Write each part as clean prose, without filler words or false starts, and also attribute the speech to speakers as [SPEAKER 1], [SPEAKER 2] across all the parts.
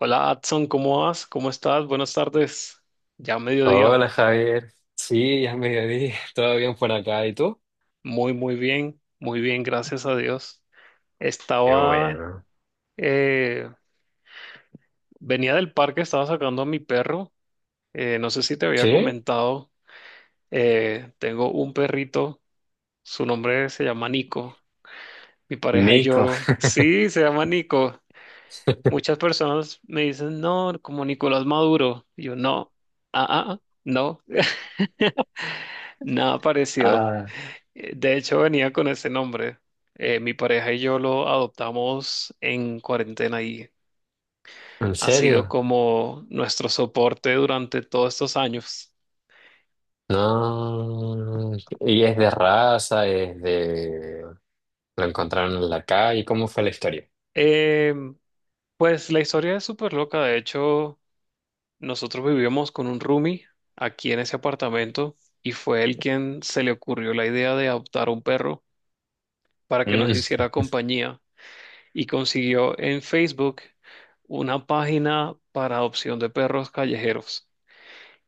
[SPEAKER 1] Hola, Adson, ¿cómo vas? ¿Cómo estás? Buenas tardes. Ya mediodía.
[SPEAKER 2] Hola Javier, sí, ya es mediodía, todo bien por acá, ¿y tú?
[SPEAKER 1] Muy, muy bien. Muy bien, gracias a Dios.
[SPEAKER 2] Qué
[SPEAKER 1] Estaba,
[SPEAKER 2] bueno.
[SPEAKER 1] eh, venía del parque, estaba sacando a mi perro. No sé si te había
[SPEAKER 2] ¿Sí?
[SPEAKER 1] comentado, tengo un perrito, su nombre se llama Nico. Mi pareja y
[SPEAKER 2] Nico.
[SPEAKER 1] yo, sí, se llama Nico. Muchas personas me dicen, no, como Nicolás Maduro. Y yo, no, no, nada parecido.
[SPEAKER 2] Ah,
[SPEAKER 1] De hecho, venía con ese nombre. Mi pareja y yo lo adoptamos en cuarentena y
[SPEAKER 2] ¿en
[SPEAKER 1] ha sido
[SPEAKER 2] serio?
[SPEAKER 1] como nuestro soporte durante todos estos años.
[SPEAKER 2] No. ¿Y es de raza? ¿Es de... lo encontraron en la calle? ¿Cómo fue la historia?
[SPEAKER 1] Eh, pues la historia es súper loca. De hecho, nosotros vivíamos con un roomie aquí en ese apartamento y fue él quien se le ocurrió la idea de adoptar un perro para que nos
[SPEAKER 2] Mm.
[SPEAKER 1] hiciera compañía y consiguió en Facebook una página para adopción de perros callejeros.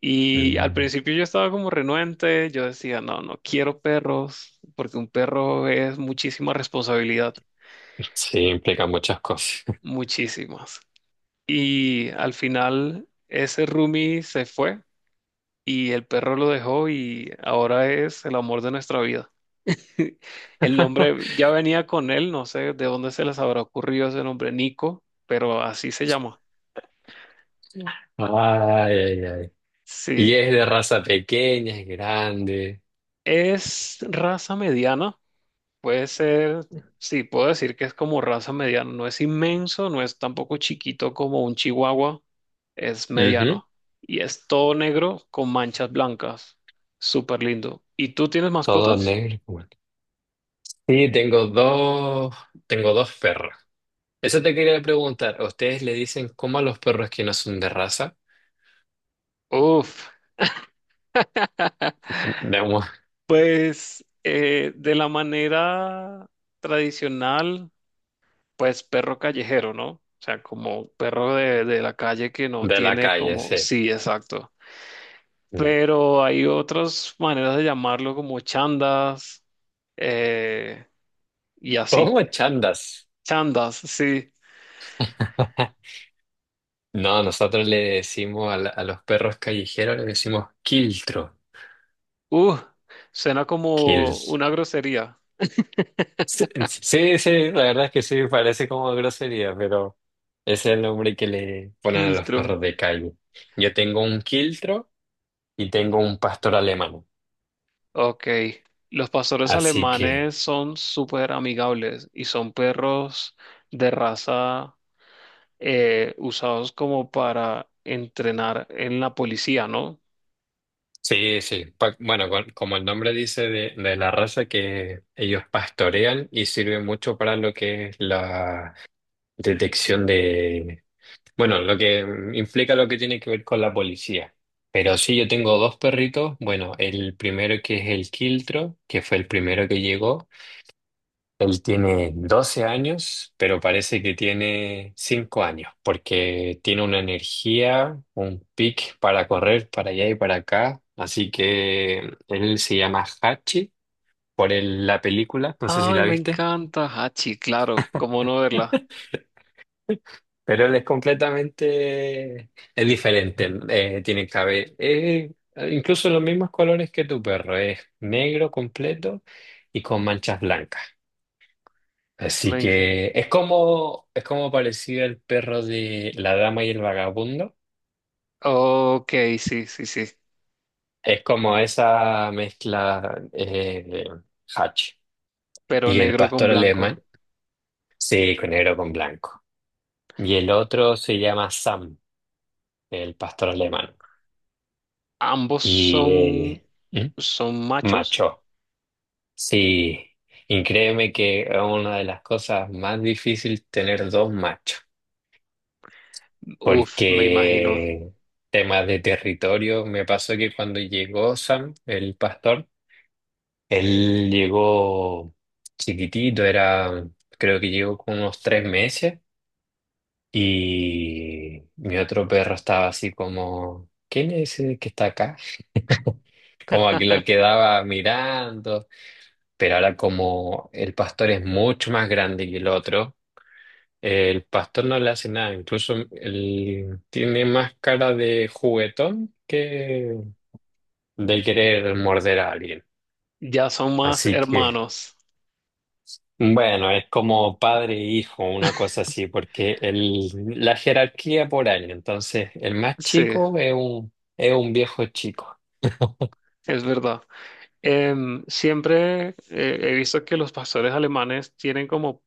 [SPEAKER 1] Y al
[SPEAKER 2] Mm,
[SPEAKER 1] principio yo estaba como renuente, yo decía, no, no quiero perros, porque un perro es muchísima responsabilidad,
[SPEAKER 2] sí, implica muchas cosas.
[SPEAKER 1] muchísimas. Y al final ese roomie se fue y el perro lo dejó y ahora es el amor de nuestra vida. El nombre ya venía con él, no sé de dónde se les habrá ocurrido ese nombre, Nico, pero así se llama.
[SPEAKER 2] Ay, ay, ay. ¿Y
[SPEAKER 1] Sí,
[SPEAKER 2] es de raza pequeña, es grande?
[SPEAKER 1] es raza mediana. Puede ser, sí, puedo decir que es como raza mediana. No es inmenso, no es tampoco chiquito como un chihuahua, es
[SPEAKER 2] Ujú.
[SPEAKER 1] mediano. Y es todo negro con manchas blancas. Súper lindo. ¿Y tú tienes
[SPEAKER 2] Todo
[SPEAKER 1] mascotas?
[SPEAKER 2] negro, bueno. Sí, tengo dos perros. Eso te quería preguntar. ¿A ustedes le dicen cómo a los perros que no son de raza?
[SPEAKER 1] Uf,
[SPEAKER 2] De, mu-
[SPEAKER 1] pues de la manera tradicional, pues perro callejero, ¿no? O sea, como perro de la calle que no
[SPEAKER 2] de la
[SPEAKER 1] tiene
[SPEAKER 2] calle,
[SPEAKER 1] como...
[SPEAKER 2] sí.
[SPEAKER 1] Sí, exacto.
[SPEAKER 2] Mm.
[SPEAKER 1] Pero hay otras maneras de llamarlo como chandas, eh, y así.
[SPEAKER 2] ¿Cómo chandas?
[SPEAKER 1] Chandas, sí.
[SPEAKER 2] No, nosotros le decimos a, la- a los perros callejeros le decimos quiltro.
[SPEAKER 1] Uh, suena como
[SPEAKER 2] Kills.
[SPEAKER 1] una grosería.
[SPEAKER 2] Sí, sí, sí, la verdad es que sí, parece como grosería, pero ese es el nombre que le ponen a los
[SPEAKER 1] Kiltro.
[SPEAKER 2] perros de calle. Yo tengo un quiltro y tengo un pastor alemán.
[SPEAKER 1] Ok. Los pastores
[SPEAKER 2] Así que...
[SPEAKER 1] alemanes son súper amigables y son perros de raza, usados como para entrenar en la policía, ¿no?
[SPEAKER 2] Sí, sí. Bueno, como el nombre dice, de, la raza que ellos pastorean, y sirve mucho para lo que es la detección de, bueno, lo que implica, lo que tiene que ver con la policía. Pero sí, yo tengo dos perritos. Bueno, el primero, que es el Quiltro, que fue el primero que llegó. Él tiene 12 años, pero parece que tiene 5 años, porque tiene una energía, un pic para correr para allá y para acá. Así que él se llama Hachi por la película, no sé si
[SPEAKER 1] Ay,
[SPEAKER 2] la
[SPEAKER 1] me
[SPEAKER 2] viste,
[SPEAKER 1] encanta Hachi, claro, cómo no verla.
[SPEAKER 2] pero él es completamente, es diferente. Tiene cabello, incluso los mismos colores que tu perro, es negro completo y con manchas blancas. Así
[SPEAKER 1] Me encanta.
[SPEAKER 2] que es como parecido el perro de La Dama y el Vagabundo.
[SPEAKER 1] Ok, sí, sí, sí.
[SPEAKER 2] Es como esa mezcla, Hatch.
[SPEAKER 1] Pero
[SPEAKER 2] Y el
[SPEAKER 1] negro con
[SPEAKER 2] pastor
[SPEAKER 1] blanco.
[SPEAKER 2] alemán, sí, con negro con blanco. Y el otro se llama Sam, el pastor alemán.
[SPEAKER 1] Ambos
[SPEAKER 2] Y
[SPEAKER 1] son,
[SPEAKER 2] eh, ¿mm?
[SPEAKER 1] son machos.
[SPEAKER 2] Macho, sí. Y créeme que es una de las cosas más difíciles tener dos machos.
[SPEAKER 1] Uf, me imagino.
[SPEAKER 2] Porque temas de territorio, me pasó que cuando llegó Sam, el pastor, él llegó chiquitito, era, creo que llegó con unos 3 meses, y mi otro perro estaba así como, ¿quién es ese que está acá? Como que lo quedaba mirando, pero ahora como el pastor es mucho más grande que el otro, el pastor no le hace nada, incluso él tiene más cara de juguetón que de querer morder a alguien.
[SPEAKER 1] Ya son más
[SPEAKER 2] Así que,
[SPEAKER 1] hermanos.
[SPEAKER 2] bueno, es como padre e hijo, una cosa así, porque la jerarquía por año. Entonces, el más
[SPEAKER 1] Sí,
[SPEAKER 2] chico es un viejo chico.
[SPEAKER 1] es verdad. Siempre he visto que los pastores alemanes tienen como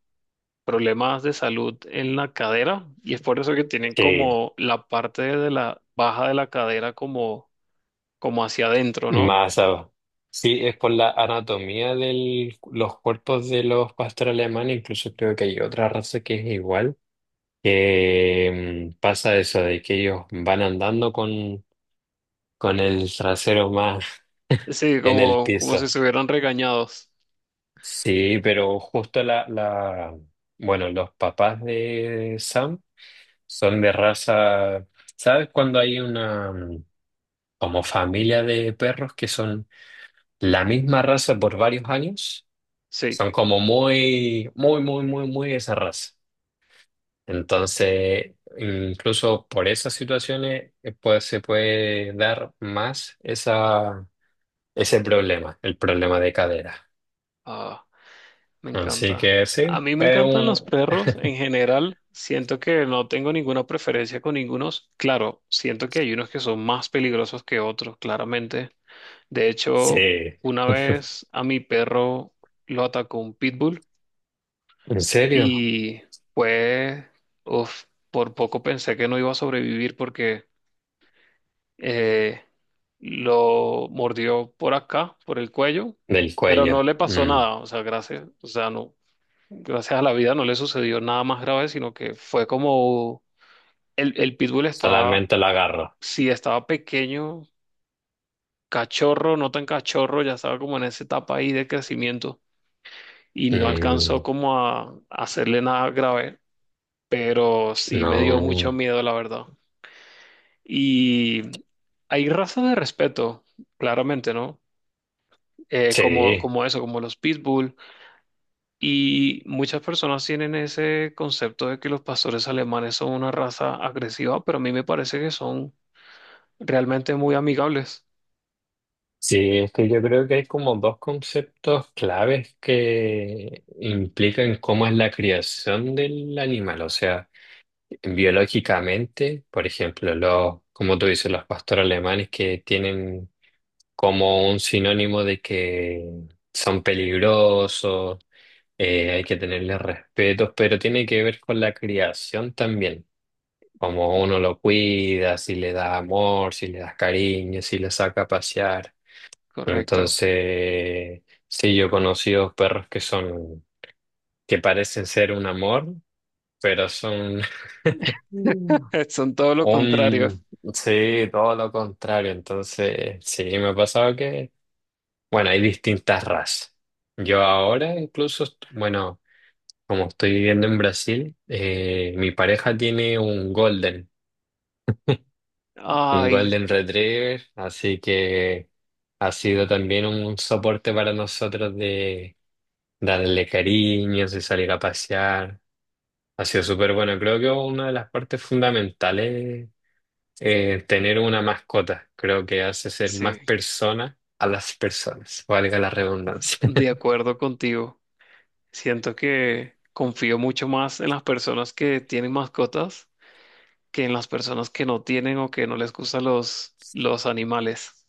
[SPEAKER 1] problemas de salud en la cadera y es por eso que tienen
[SPEAKER 2] Sí,
[SPEAKER 1] como la parte de la baja de la cadera como, como hacia adentro, ¿no?
[SPEAKER 2] más. Sí, es por la anatomía de los cuerpos de los pastores alemanes, incluso creo que hay otra raza que es igual, que pasa eso de que ellos van andando con el trasero más
[SPEAKER 1] Sí,
[SPEAKER 2] en el
[SPEAKER 1] como, como si
[SPEAKER 2] piso.
[SPEAKER 1] estuvieran regañados.
[SPEAKER 2] Sí, pero justo bueno, los papás de Sam son de raza. ¿Sabes cuando hay una, como familia de perros que son la misma raza por varios años?
[SPEAKER 1] Sí.
[SPEAKER 2] Son como muy, muy, muy, muy, muy esa raza. Entonces, incluso por esas situaciones, pues, se puede dar más esa, ese problema, el problema de cadera.
[SPEAKER 1] Ah. Me
[SPEAKER 2] Así
[SPEAKER 1] encanta.
[SPEAKER 2] que sí,
[SPEAKER 1] A mí me
[SPEAKER 2] es
[SPEAKER 1] encantan los
[SPEAKER 2] un...
[SPEAKER 1] perros en general. Siento que no tengo ninguna preferencia con ningunos. Claro, siento que hay unos que son más peligrosos que otros, claramente. De hecho,
[SPEAKER 2] Sí,
[SPEAKER 1] una vez a mi perro lo atacó un pitbull
[SPEAKER 2] ¿en serio?
[SPEAKER 1] y pues, uf, por poco pensé que no iba a sobrevivir porque eh, lo mordió por acá, por el cuello,
[SPEAKER 2] Del
[SPEAKER 1] pero no
[SPEAKER 2] cuello.
[SPEAKER 1] le pasó
[SPEAKER 2] Mm.
[SPEAKER 1] nada. O sea, gracias. O sea, no, gracias a la vida no le sucedió nada más grave, sino que fue como el pitbull estaba,
[SPEAKER 2] Solamente lo agarro.
[SPEAKER 1] sí, estaba pequeño, cachorro, no tan cachorro, ya estaba como en esa etapa ahí de crecimiento y no alcanzó
[SPEAKER 2] Mm.
[SPEAKER 1] como a hacerle nada grave, pero sí me dio mucho
[SPEAKER 2] No,
[SPEAKER 1] miedo, la verdad. Y hay razas de respeto, claramente, ¿no? Como,
[SPEAKER 2] sí,
[SPEAKER 1] como eso, como los pitbull. Y muchas personas tienen ese concepto de que los pastores alemanes son una raza agresiva, pero a mí me parece que son realmente muy amigables.
[SPEAKER 2] sí, es que yo creo que hay como dos conceptos claves que implican cómo es la criación del animal, o sea... biológicamente, por ejemplo, los, como tú dices, los pastores alemanes, que tienen como un sinónimo de que son peligrosos, hay que tenerles respetos, pero tiene que ver con la criación también, como uno lo cuida, si le da amor, si le das cariño, si le saca a pasear.
[SPEAKER 1] Correcto.
[SPEAKER 2] Entonces, sí, yo he conocido perros que son, que parecen ser un amor, pero son,
[SPEAKER 1] Son todo lo contrario.
[SPEAKER 2] un, sí, todo lo contrario. Entonces, sí, me ha pasado que, bueno, hay distintas razas. Yo ahora incluso, bueno, como estoy viviendo en Brasil, mi pareja tiene un
[SPEAKER 1] Ay,
[SPEAKER 2] golden retriever, así que ha sido también un soporte para nosotros de darle cariños y salir a pasear. Ha sido súper bueno. Creo que una de las partes fundamentales, tener una mascota, creo que hace ser
[SPEAKER 1] sí,
[SPEAKER 2] más persona a las personas, valga la redundancia.
[SPEAKER 1] de acuerdo contigo. Siento que confío mucho más en las personas que tienen mascotas que en las personas que no tienen o que no les gustan los animales.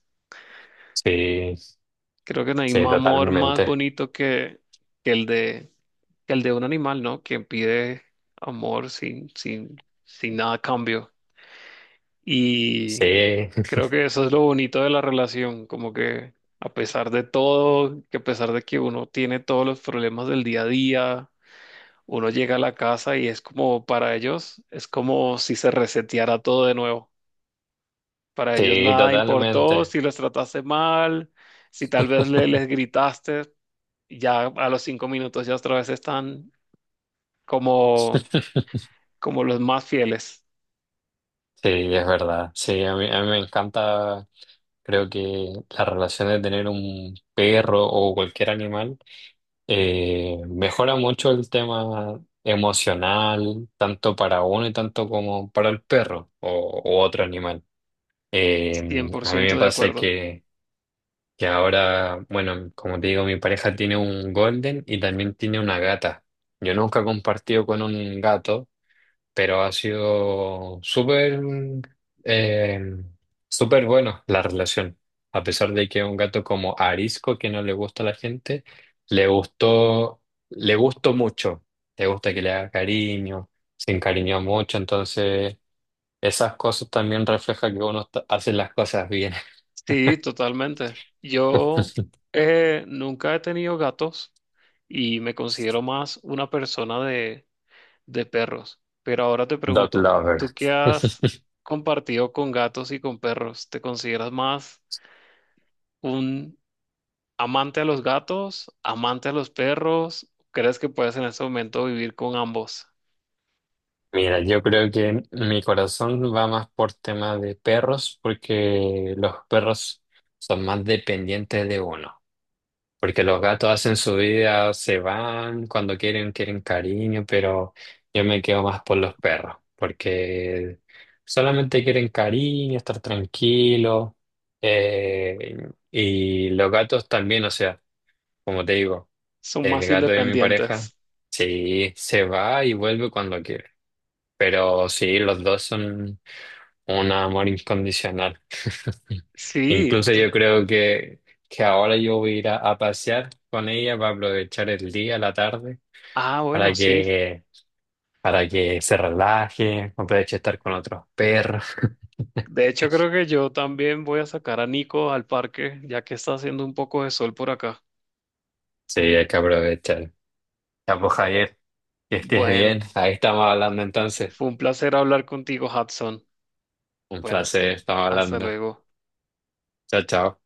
[SPEAKER 2] Sí,
[SPEAKER 1] Creo que no hay
[SPEAKER 2] sí,
[SPEAKER 1] amor más
[SPEAKER 2] totalmente.
[SPEAKER 1] bonito que, que el de que el de un animal, ¿no? Que pide amor sin nada a cambio. Y
[SPEAKER 2] Sí,
[SPEAKER 1] creo que eso es lo bonito de la relación, como que a pesar de todo, que a pesar de que uno tiene todos los problemas del día a día, uno llega a la casa y es como para ellos, es como si se reseteara todo de nuevo. Para ellos
[SPEAKER 2] sí,
[SPEAKER 1] nada importó,
[SPEAKER 2] totalmente.
[SPEAKER 1] si los trataste mal, si tal vez les gritaste, ya a los 5 minutos ya otra vez están
[SPEAKER 2] Sí,
[SPEAKER 1] como como los más fieles.
[SPEAKER 2] es verdad. Sí, a mí me encanta, creo que la relación de tener un perro o cualquier animal, mejora mucho el tema emocional, tanto para uno y tanto como para el perro o u otro animal. Eh, a mí me
[SPEAKER 1] 100% de
[SPEAKER 2] pasa
[SPEAKER 1] acuerdo.
[SPEAKER 2] que ahora, bueno, como te digo, mi pareja tiene un golden y también tiene una gata. Yo nunca he compartido con un gato, pero ha sido súper, eh, súper bueno la relación. A pesar de que es un gato como arisco que no le gusta a la gente, le gustó, le gustó mucho. Le gusta que le haga cariño, se encariñó mucho, entonces esas cosas también reflejan que uno está- hace las cosas bien.
[SPEAKER 1] Sí, totalmente. Yo nunca he tenido gatos y me considero más una persona de perros. Pero ahora te
[SPEAKER 2] Dog
[SPEAKER 1] pregunto,
[SPEAKER 2] lover.
[SPEAKER 1] ¿tú qué has compartido con gatos y con perros? ¿Te consideras más un amante a los gatos, amante a los perros? ¿Crees que puedes en este momento vivir con ambos?
[SPEAKER 2] Mira, yo creo que mi corazón va más por tema de perros, porque los perros son más dependientes de uno. Porque los gatos hacen su vida, se van cuando quieren, quieren cariño, pero yo me quedo más por los perros, porque solamente quieren cariño, estar tranquilo. eh, y los gatos también, o sea, como te digo,
[SPEAKER 1] Son
[SPEAKER 2] el
[SPEAKER 1] más
[SPEAKER 2] gato de mi pareja,
[SPEAKER 1] independientes.
[SPEAKER 2] sí, se va y vuelve cuando quiere. Pero sí, los dos son un amor incondicional.
[SPEAKER 1] Sí.
[SPEAKER 2] Incluso yo creo que ahora yo voy a ir a pasear con ella para aprovechar el día, la tarde,
[SPEAKER 1] Ah,
[SPEAKER 2] para
[SPEAKER 1] bueno, sí.
[SPEAKER 2] que, para que se relaje, aproveche estar con otros perros.
[SPEAKER 1] De hecho, creo que yo también voy a sacar a Nico al parque, ya que está haciendo un poco de sol por acá.
[SPEAKER 2] Sí, hay que aprovechar. Ya pues, Javier, que estés
[SPEAKER 1] Bueno,
[SPEAKER 2] bien. Ahí estamos hablando entonces.
[SPEAKER 1] fue un placer hablar contigo, Hudson.
[SPEAKER 2] Un
[SPEAKER 1] Bueno,
[SPEAKER 2] placer, estamos
[SPEAKER 1] hasta
[SPEAKER 2] hablando.
[SPEAKER 1] luego.
[SPEAKER 2] Chao, chao.